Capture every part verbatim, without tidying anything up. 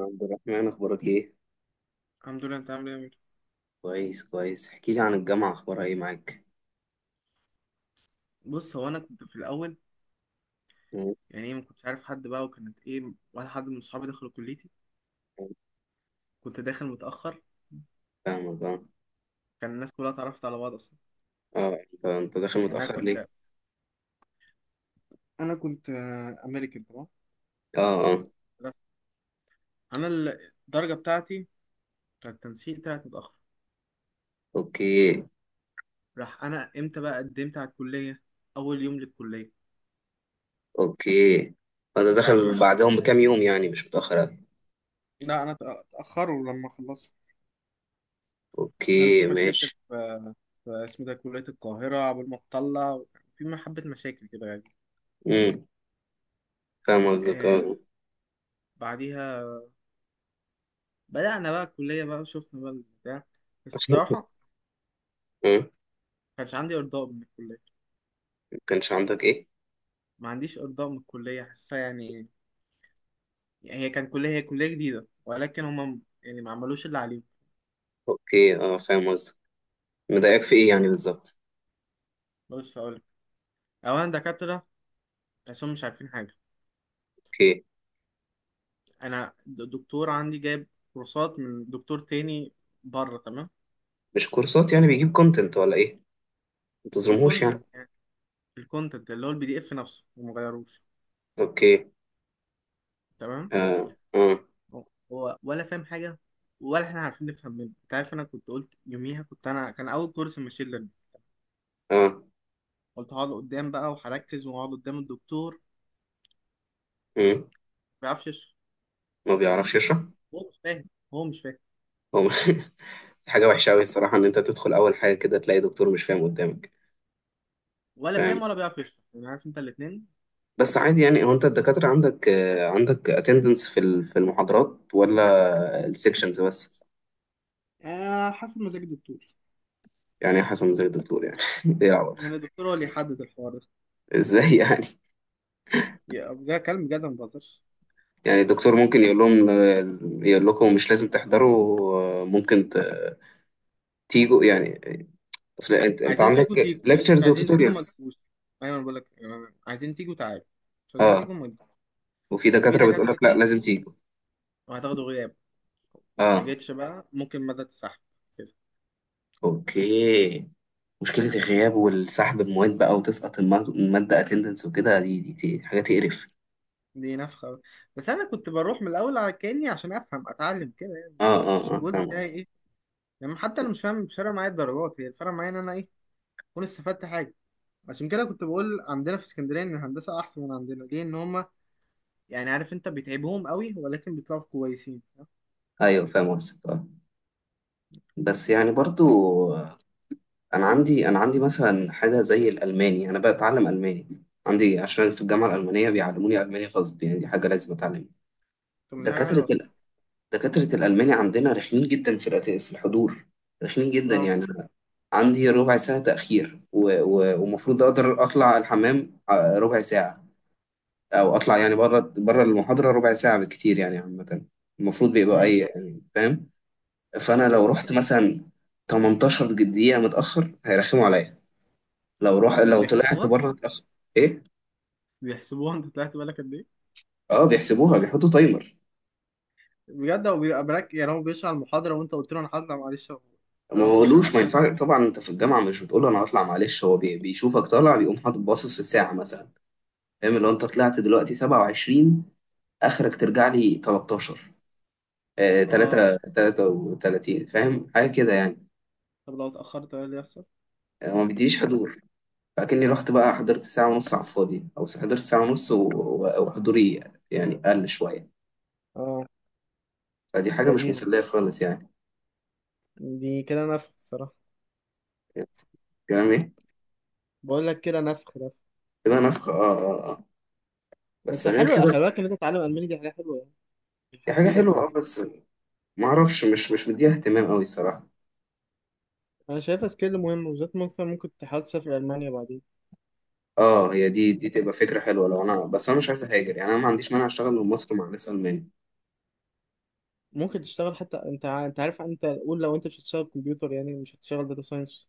عبد الرحمن أخبارك إيه؟ الحمد لله. انت عامل ايه يا أمير؟ كويس كويس، احكي لي عن الجامعة أخبارها إيه معاك؟ بص، هو انا كنت في الاول، مم. يعني ايه ما كنتش عارف حد بقى، وكانت ايه ولا حد من صحابي دخلوا كليتي. كنت داخل متاخر. فاهمك أه كان الناس كلها اتعرفت على بعض اصلا. أه، أنت أنت داخل يعني انا متأخر ليه؟ كنت انا كنت آه، امريكان تمام. أه أه. بس انا ال- الدرجه بتاعتي بتاعت التنسيق طلعت متاخر. أوكي راح انا امتى بقى قدمت على الكليه؟ اول يوم للكليه. أوكي، أنت انت عارف انا داخل بقى قد- بعدهم بكام يوم يعني مش متأخر أوي. لا انا اتاخروا لما خلصت. كان في أوكي مشاكل ماشي. في, في اسمه ده كليه القاهره قبل ما تطلع، وكان في حبه مشاكل كده يعني. أمم فاهم قصدك آه. أه. بعديها بدأنا بقى الكلية بقى وشفنا بقى البتاع. الصراحة ما أه، كانش عندي إرضاء من الكلية. مكانش عندك إيه؟ ما عنديش إرضاء من الكلية، حاسة يعني. هي كان كلية هي كلية جديدة، ولكن هم يعني ما عملوش اللي عليهم. أوكي أه فاهم قصدك. مضايقك في إيه يعني بالظبط؟ بص هقولك، أولا دكاترة تحسهم مش عارفين حاجة. أوكي. أنا د- دكتور عندي جايب كورسات من دكتور تاني بره، تمام. مش كورسات يعني بيجيب كونتنت ولا إيه؟ متظلمهوش يعني. الكونتنت يعني، الكونتنت اللي هو البي دي إف نفسه ومغيروش. أوكي تمام. أه أه هو هو ولا فاهم حاجة، ولا احنا عارفين نفهم منه. انت عارف، انا كنت قلت يوميها، كنت انا كان اول كورس ماشين ليرنينج، أه. قلت هقعد قدام بقى وهركز وهقعد قدام الدكتور. ما أمم. بيعرفش يشرح. ما بيعرفش يشرح؟ هو مش فاهم هو مش فاهم. هو حاجة وحشة أوي الصراحة إن أنت تدخل أول حاجة كده تلاقي دكتور مش فاهم قدامك. ولا فاهم. فاهم ولا بيعرف يشرح، يعني عارف انت الاثنين. بس عادي، يعني هو أنت الدكاترة عندك، آه، عندك اتندنس في ال- في المحاضرات ولا السكشنز بس؟ آه، حسب مزاج الدكتور. يعني يا حسن زي الدكتور يعني. إيه العبط. يعني الدكتور هو اللي يحدد الحوار ده. إزاي يعني؟ يا- ده كلام بجد، ما بهزرش. يعني الدكتور ممكن يقول لهم آه، يقول لكم مش لازم تحضروا، آه، ممكن ت- تيجوا يعني. أصل أنت أنت عايزين تيجوا عندك تيجوا، مش ليكتشرز عايزين تيجوا ما وتوتوريالز. تجوش. ايوه انا بقول لك، آه، عايزين تيجوا تعالوا، مش عايزين تيجوا أه. ما تجوش. وفي وفي دكاترة بتقول لك لا، دكاترتين، لازم تيجوا. وهتاخدوا غياب. ما أه. جيتش بقى ممكن مدى تسحب كده. أوكي. مشكلة الغياب والسحب المواد بقى وتسقط الماد- المادة اتندنس وكده، دي دي دي حاجة تقرف. دي نفخة بقى. بس أنا كنت بروح من الأول على كأني عشان أفهم أتعلم كده، يعني اه مش اه مش اه، الجول فاهم بتاعي قصدك. إيه؟ يعني حتى انا مش فاهم، مش فارقه معايا الدرجات، هي الفرق معايا ان انا ايه، اكون استفدت حاجه. عشان كده كنت بقول عندنا في اسكندريه ان الهندسه احسن من عندنا، ليه، ان هم يعني عارف انت بيتعبهم قوي ولكن بيطلعوا كويسين. ايوه فاهم قصدك اه. بس يعني برضو، آه، انا عندي انا عندي مثلا حاجة زي الالماني، انا بتعلم الماني عندي عشان أنا في الجامعة الألمانية بيعلموني ألماني غصب، يعني دي حاجة لازم أتعلمها. طب ما دي حاجه دكاترة حلوه اصلا. ال... دكاترة الألماني عندنا رخمين جدا في الأت- في الحضور. رخمين جدا، اه. يعني أنا عندي ربع ساعة تأخير و- و- ومفروض أقدر أطلع الحمام ع- ربع ساعة، او اطلع يعني بره بره المحاضره ربع ساعه بالكتير، يعني عامه المفروض بيبقى امم. اي، يعني فاهم. فانا طب لو رحت مثلا ثمانية عشر دقيقه متاخر هيرخموا عليا. لو روح هما لو طلعت بيحسبوها. بره اتاخر. ايه. بيحسبوها انت طلعت بالك قد ايه؟ اه، بيحسبوها، بيحطوا تايمر. بجد هو بيبقى براك؟ يعني هو بيشرح المحاضره وانت قلت له انا هطلع معلش، ما اروح اخش بقولوش ما الحمام. ينفعش طبعا، انت في الجامعه مش بتقول له انا هطلع معلش، هو بي- بيشوفك طالع، بيقوم حاطط باصص في الساعه مثلا، فاهم. لو انت طلعت دلوقتي سبعة وعشرين، اخرك ترجع لي تلتاشر، آه اه. تلاتة ثلاثة وثلاثون، فاهم حاجه كده يعني. طب لو اتاخرت ايه اللي يحصل؟ آه، ما بيديش حضور. فاكني رحت بقى حضرت ساعة ونص على الفاضي، أو حضرت ساعة ونص و- و- وحضوري يعني قل شوية. اه. فدي حاجة مش لذيذ. مسلية خالص يعني. دي كده نفخ الصراحه. كلام إيه؟ بقول لك كده نفخ. كده نفخة آه آه آه. بس بس غير حلو، كده. خلي بالك ان انت تتعلم الماني، دي حاجه حلوه يعني. هي حاجة هتفيدك حلوة في آه الحياة. بس معرفش، مش مش مديها اهتمام أوي الصراحة. انا شايفها سكيل مهم، وبالذات مثلا ممكن تحاول تسافر المانيا بعدين. آه، هي دي دي تبقى فكرة حلوة، لو أنا بس أنا مش عايز أهاجر، يعني أنا ما عنديش مانع أشتغل من مصر مع ناس ألمانية. ممكن تشتغل حتى انت ع- انت عارف، انت قول لو انت مش هتشتغل كمبيوتر، يعني مش هتشتغل داتا ساينس،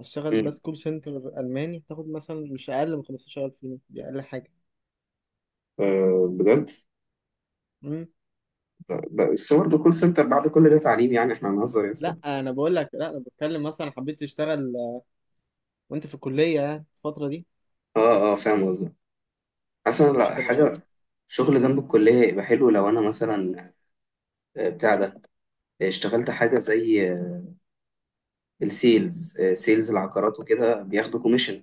هتشتغل أمم. بس كول سنتر الماني، تاخد مثلا مش اقل من خمسة عشر الف جنيه، دي اقل حاجه. آه بجد. امم. بس برضه كول سنتر بعد كل ده تعليم، يعني إحنا هنهزر يا أسطى. لا انا بقول لك لا انا بتكلم، مثلا حبيت تشتغل آه، وانت في الكليه يعني الفتره دي، آه آه فاهم قصدي. مثلا مش لا هتبقى. حاجة، شغل جنب الكلية يبقى حلو لو أنا مثلا، آه، بتاع ده، آه، اشتغلت حاجة زي، آه، السيلز، آه، سيلز العقارات وكده بياخدوا كوميشن.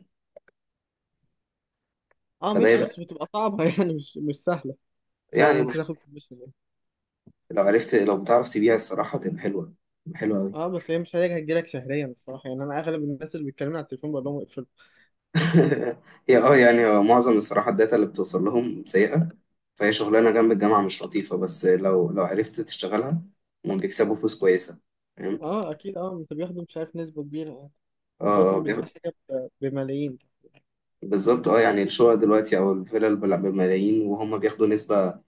اه، فده مش يبقى، بس بتبقى صعبه يعني مش مش سهله، سهله إن يعني انت تاخد بس، كوميشن. لو عرفت لو بتعرف تبيع الصراحة تبقى حلوة. تبقى حلوة أوي. اه بس هي مش حاجه هتجيلك شهريا الصراحه، يعني انا اغلب الناس اللي بيتكلموا على التليفون بقول لهم اقفل. هي اه يعني هو معظم الصراحة الداتا اللي بتوصل لهم سيئة، فهي شغلانة جنب الجامعة مش لطيفة، بس لو لو عرفت تشتغلها، هم بيكسبوا فلوس كويسة، فاهم. اه اكيد، اه انت بياخدوا مش عارف نسبه كبيره يعني. اه انت آه، اصلا بتبيع بياخ- حاجه ب- بملايين. بالظبط اه، يعني الشقق دلوقتي أو الفلل بلا- بملايين، وهم بياخدوا نسبة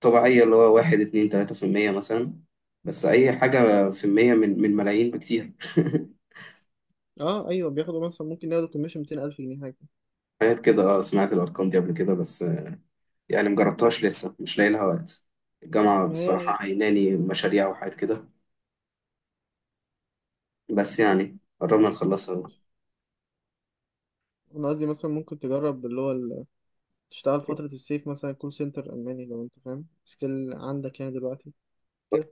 طبيعية اللي هو واحد اتنين تلاتة في المية مثلا، بس أي حاجة في المية من من ملايين بكتير. اه ايوه بياخدوا، مثلا ممكن ياخدوا كوميشن ميتين الف جنيه حاجه. حاجات كده، اه سمعت الأرقام دي قبل كده بس، آه، يعني مجربتهاش لسه مش لاقي لها وقت. الجامعة ما هي بصراحة هي كده. عيناني مشاريع وحاجات كده، بس يعني قربنا نخلصها أهو. انا قصدي مثلا ممكن تجرب اللي هو ال- تشتغل فتره الصيف مثلا كول سنتر الماني، لو انت فاهم سكيل عندك يعني دلوقتي كده.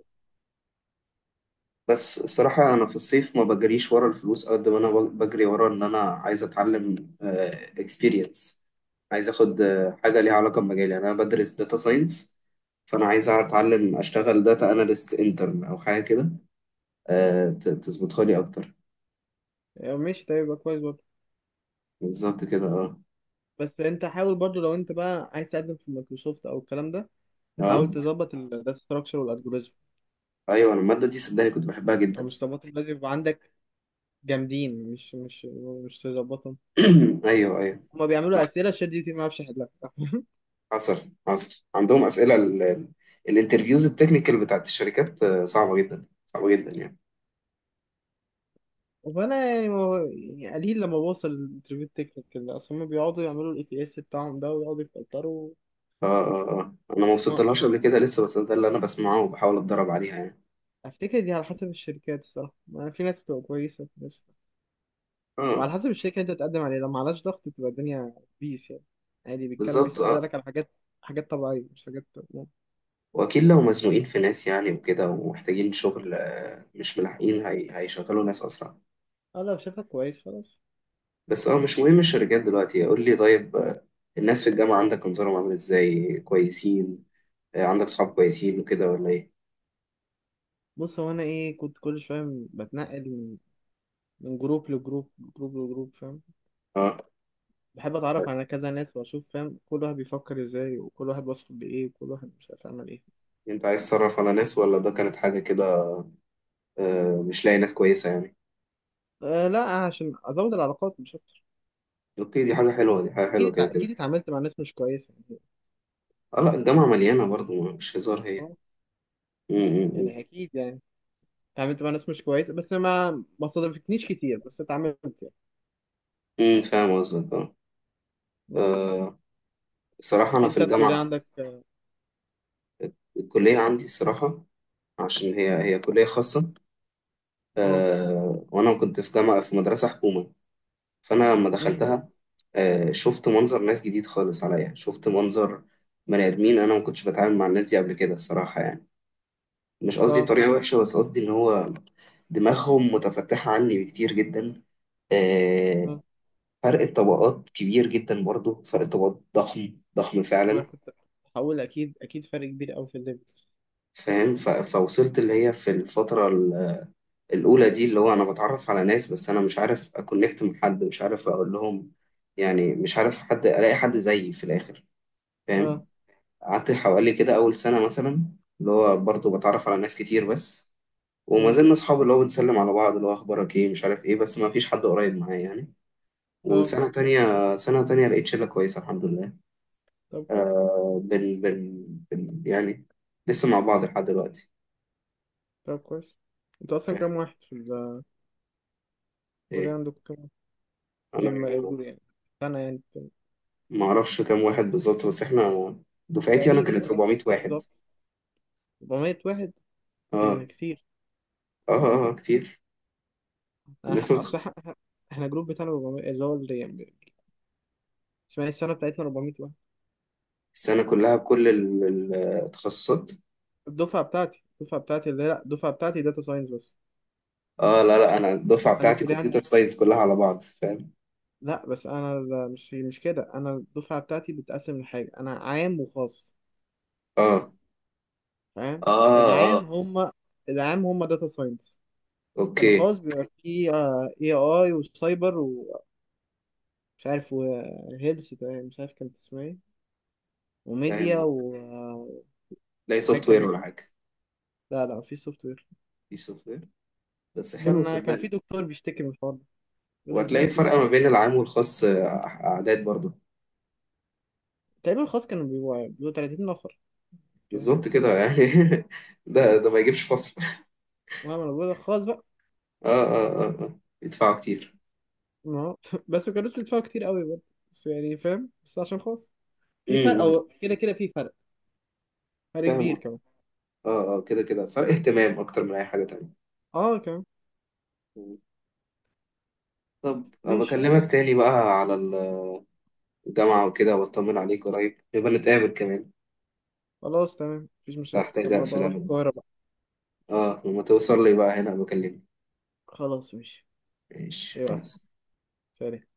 بس الصراحة أنا في الصيف ما بجريش ورا الفلوس قد ما أنا بجري ورا إن أنا عايز أتعلم اكسبيرينس، عايز أخد آه، حاجة ليها علاقة بمجالي، يعني أنا بدرس داتا ساينس، فأنا عايز أتعلم أشتغل داتا أناليست انترن أو حاجة كده، آه، ت- تظبطها لي أكتر. آه، ماشي، ده يبقى كويس برضه. بالظبط كده أه. بس انت حاول برضه، لو انت بقى عايز تقدم في مايكروسوفت او الكلام ده، حاول أه تظبط الداتا ستراكشر والالجوريزم. أيوه، أنا المادة دي صدقني كنت بحبها او جدا. مش تظبط، لازم يبقى عندك جامدين، مش مش مش تظبطهم. أيوه أيوه. هما بيعملوا اسئله شات جي بي تي ما بيعرفش يحلها. حصل حصل عندهم أسئلة، الانترفيوز التكنيكال بتاعت الشركات آه، صعبة جدا صعبة جدا يعني. فانا يعني، ما هو- يعني قليل لما بوصل الانترفيو التكنيكال ده، اصل هما بيقعدوا يعملوا الاي تي اس بتاعهم ده ويقعدوا يفلتروا. اه اه اه، انا ما ما وصلتلهاش قبل كده لسه، بس ده اللي انا بسمعه وبحاول اتدرب عليها يعني. افتكر دي على حسب الشركات الصراحه، ما في ناس بتبقى كويسه في ناس، اه وعلى حسب الشركه اللي انت تقدم عليها، لو ما عليهاش ضغط بتبقى الدنيا بيس يعني، عادي بيتكلم، بالظبط اه. بيسالك على حاجات، حاجات طبيعيه مش حاجات يعني. واكيد لو مزنوقين في ناس يعني وكده ومحتاجين شغل، آه، مش ملاحقين، هي... هيشغلوا ناس اسرع. اه لو شافك كويس خلاص. بس اه مش مهم الشركات دلوقتي. قول لي طيب، آه، الناس في الجامعة عندك انظارهم عامل ازاي؟ كويسين، آه، عندك صحاب كويسين وكده ولا ايه؟ بص هو انا ايه، كنت كل شويه بتنقل من من جروب لجروب، جروب لجروب فاهم؟ اه، بحب اتعرف على كذا ناس واشوف، فاهم، كل واحد بيفكر ازاي وكل واحد واصل لايه وكل واحد مش عارف يعمل ايه. انت عايز تصرف على ناس ولا ده كانت حاجة كده، آه، مش لاقي ناس كويسة يعني؟ أه لا، عشان ازود العلاقات مش اكتر. اوكي، دي حاجة حلوة، دي حاجة اكيد حلوة كده اتع- كده. اكيد اتعاملت مع ناس مش كويسه يعني. اه لا، الجامعة مليانة برضو مش هزار هي. اه. م- م- يعني م. اكيد يعني، اتعاملت مع ناس مش كويسه، بس ما ما صادفتنيش كتير، بس اتعاملت يعني. امم فاهم قصدك اه. ما. آه، الصراحة أنا في انت الكليه الجامعة، عندك. الكلية عندي الصراحة، عشان هي هي كلية خاصة. اه، أه، وأنا كنت في جامعة في مدرسة حكومة، فأنا لما أمم، دخلتها أه شفت منظر ناس جديد خالص عليا، شفت منظر بني آدمين، أنا ما كنتش بتعامل مع الناس دي قبل كده الصراحة، يعني مش قصدي اه طريقة وحشة، بس قصدي إن هو دماغهم متفتحة عني بكتير جدا. آه، اه. فرق الطبقات كبير جدا، برضو فرق الطبقات ضخم ضخم ما فعلا. كنت هقول، اكيد اكيد فرق كبير قوي في الليفل. فاهم. ف- فوصلت اللي هي في الفترة ال- الأولى دي، اللي هو أنا بتعرف على ناس، بس أنا مش عارف أكونكت مع حد، مش عارف أقول لهم يعني، مش عارف حد، ألاقي حد زيي في الآخر، اه، فاهم. قعدت حوالي كده أول سنة مثلا اللي هو برضه بتعرف على ناس كتير بس، وما أمم. زلنا أصحاب، اللي هو بنسلم على بعض اللي هو أخبارك إيه مش عارف إيه، بس ما فيش حد قريب معايا يعني. اه وسنة تانية سنة تانية لقيت شلة كويسة الحمد لله. طب كويس. آه. بن بن بن يعني لسه مع بعض لحد دلوقتي. طب كويس انتوا اصلا آه، كام واحد في الكليه؟ إيه، عندكم كام أنا يعني؟ ما يقول يعني سنة يعني، ما اعرفش كام واحد بالظبط، بس احنا دفعتي انا تقريبا كانت يعني، كتير، اربعمية قصدي قصدي واحد. ده اربعمية واحد. ايه اه ده كتير. اه اه، كتير. أنا ح- الناس متخ... اصل إح- إح- احنا جروب بتاعنا اربعمية، اللي هو اللي يعني اسمها إيه، السنة بتاعتنا اربعمية واحد. السنه كلها بكل ال- ال- التخصصات. الدفعة بتاعتي الدفعة بتاعتي اللي لا الدفعة بتاعتي داتا ساينس بس. اه لا لا، انا الدفعه انا بتاعتي الكلية عندي، كمبيوتر ساينس كلها على بعض فاهم. لا بس انا، لا، مش مش كده. انا الدفعة بتاعتي بتقسم لحاجة، انا عام وخاص اه فاهم؟ اه اه العام اه. هم العام هم داتا ساينس. اوكي. الخاص بيبقى فيه اي اي وسايبر، ومش عارف وهيلث، مش عارف كانت اسمها ايه، وميديا فاهم. و- هتلاقي وحاجة سوفت وير كمان. ولا حاجه؟ لا لا مفيش سوفت وير. دي سوفت وير. بس حلو كان كان في صدقني. دكتور بيشتكي من الحوار ده، بيقول وهتلاقي ازاي في الفرق كلية. ما بين العام والخاص، آه، اعداد برضه. تقريبا الخاص كانوا بيبقوا، يعني بيبقوا تلاتين نفر كده حاجة. بالظبط كده يعني. ده ده ما يجيبش فصل. المهم انا بقول الخاص بقى. اه اه اه اه، يدفعوا كتير. ما هو بس ما كانوش بيدفعوا كتير قوي برضه، بس يعني فاهم، بس عشان خاص في فرق، امم او كده كده في فرق، فرق كبير فاهم. كمان. اه اه، كده كده فرق اهتمام اكتر من اي حاجة تانية. اه كمان. مم. طب أبقى ماشي، بكلمك تاني بقى على ال- الجامعة وكده، واطمن عليك قريب يبقى نتقابل كمان. خلاص تمام، مفيش بس مشاكل، هحتاج لما اقفل بروح انا، القاهرة بقى. اه لما توصل لي بقى هنا بكلمك. خلاص ماشي. ماشي مع يلا. السلامة. سلام.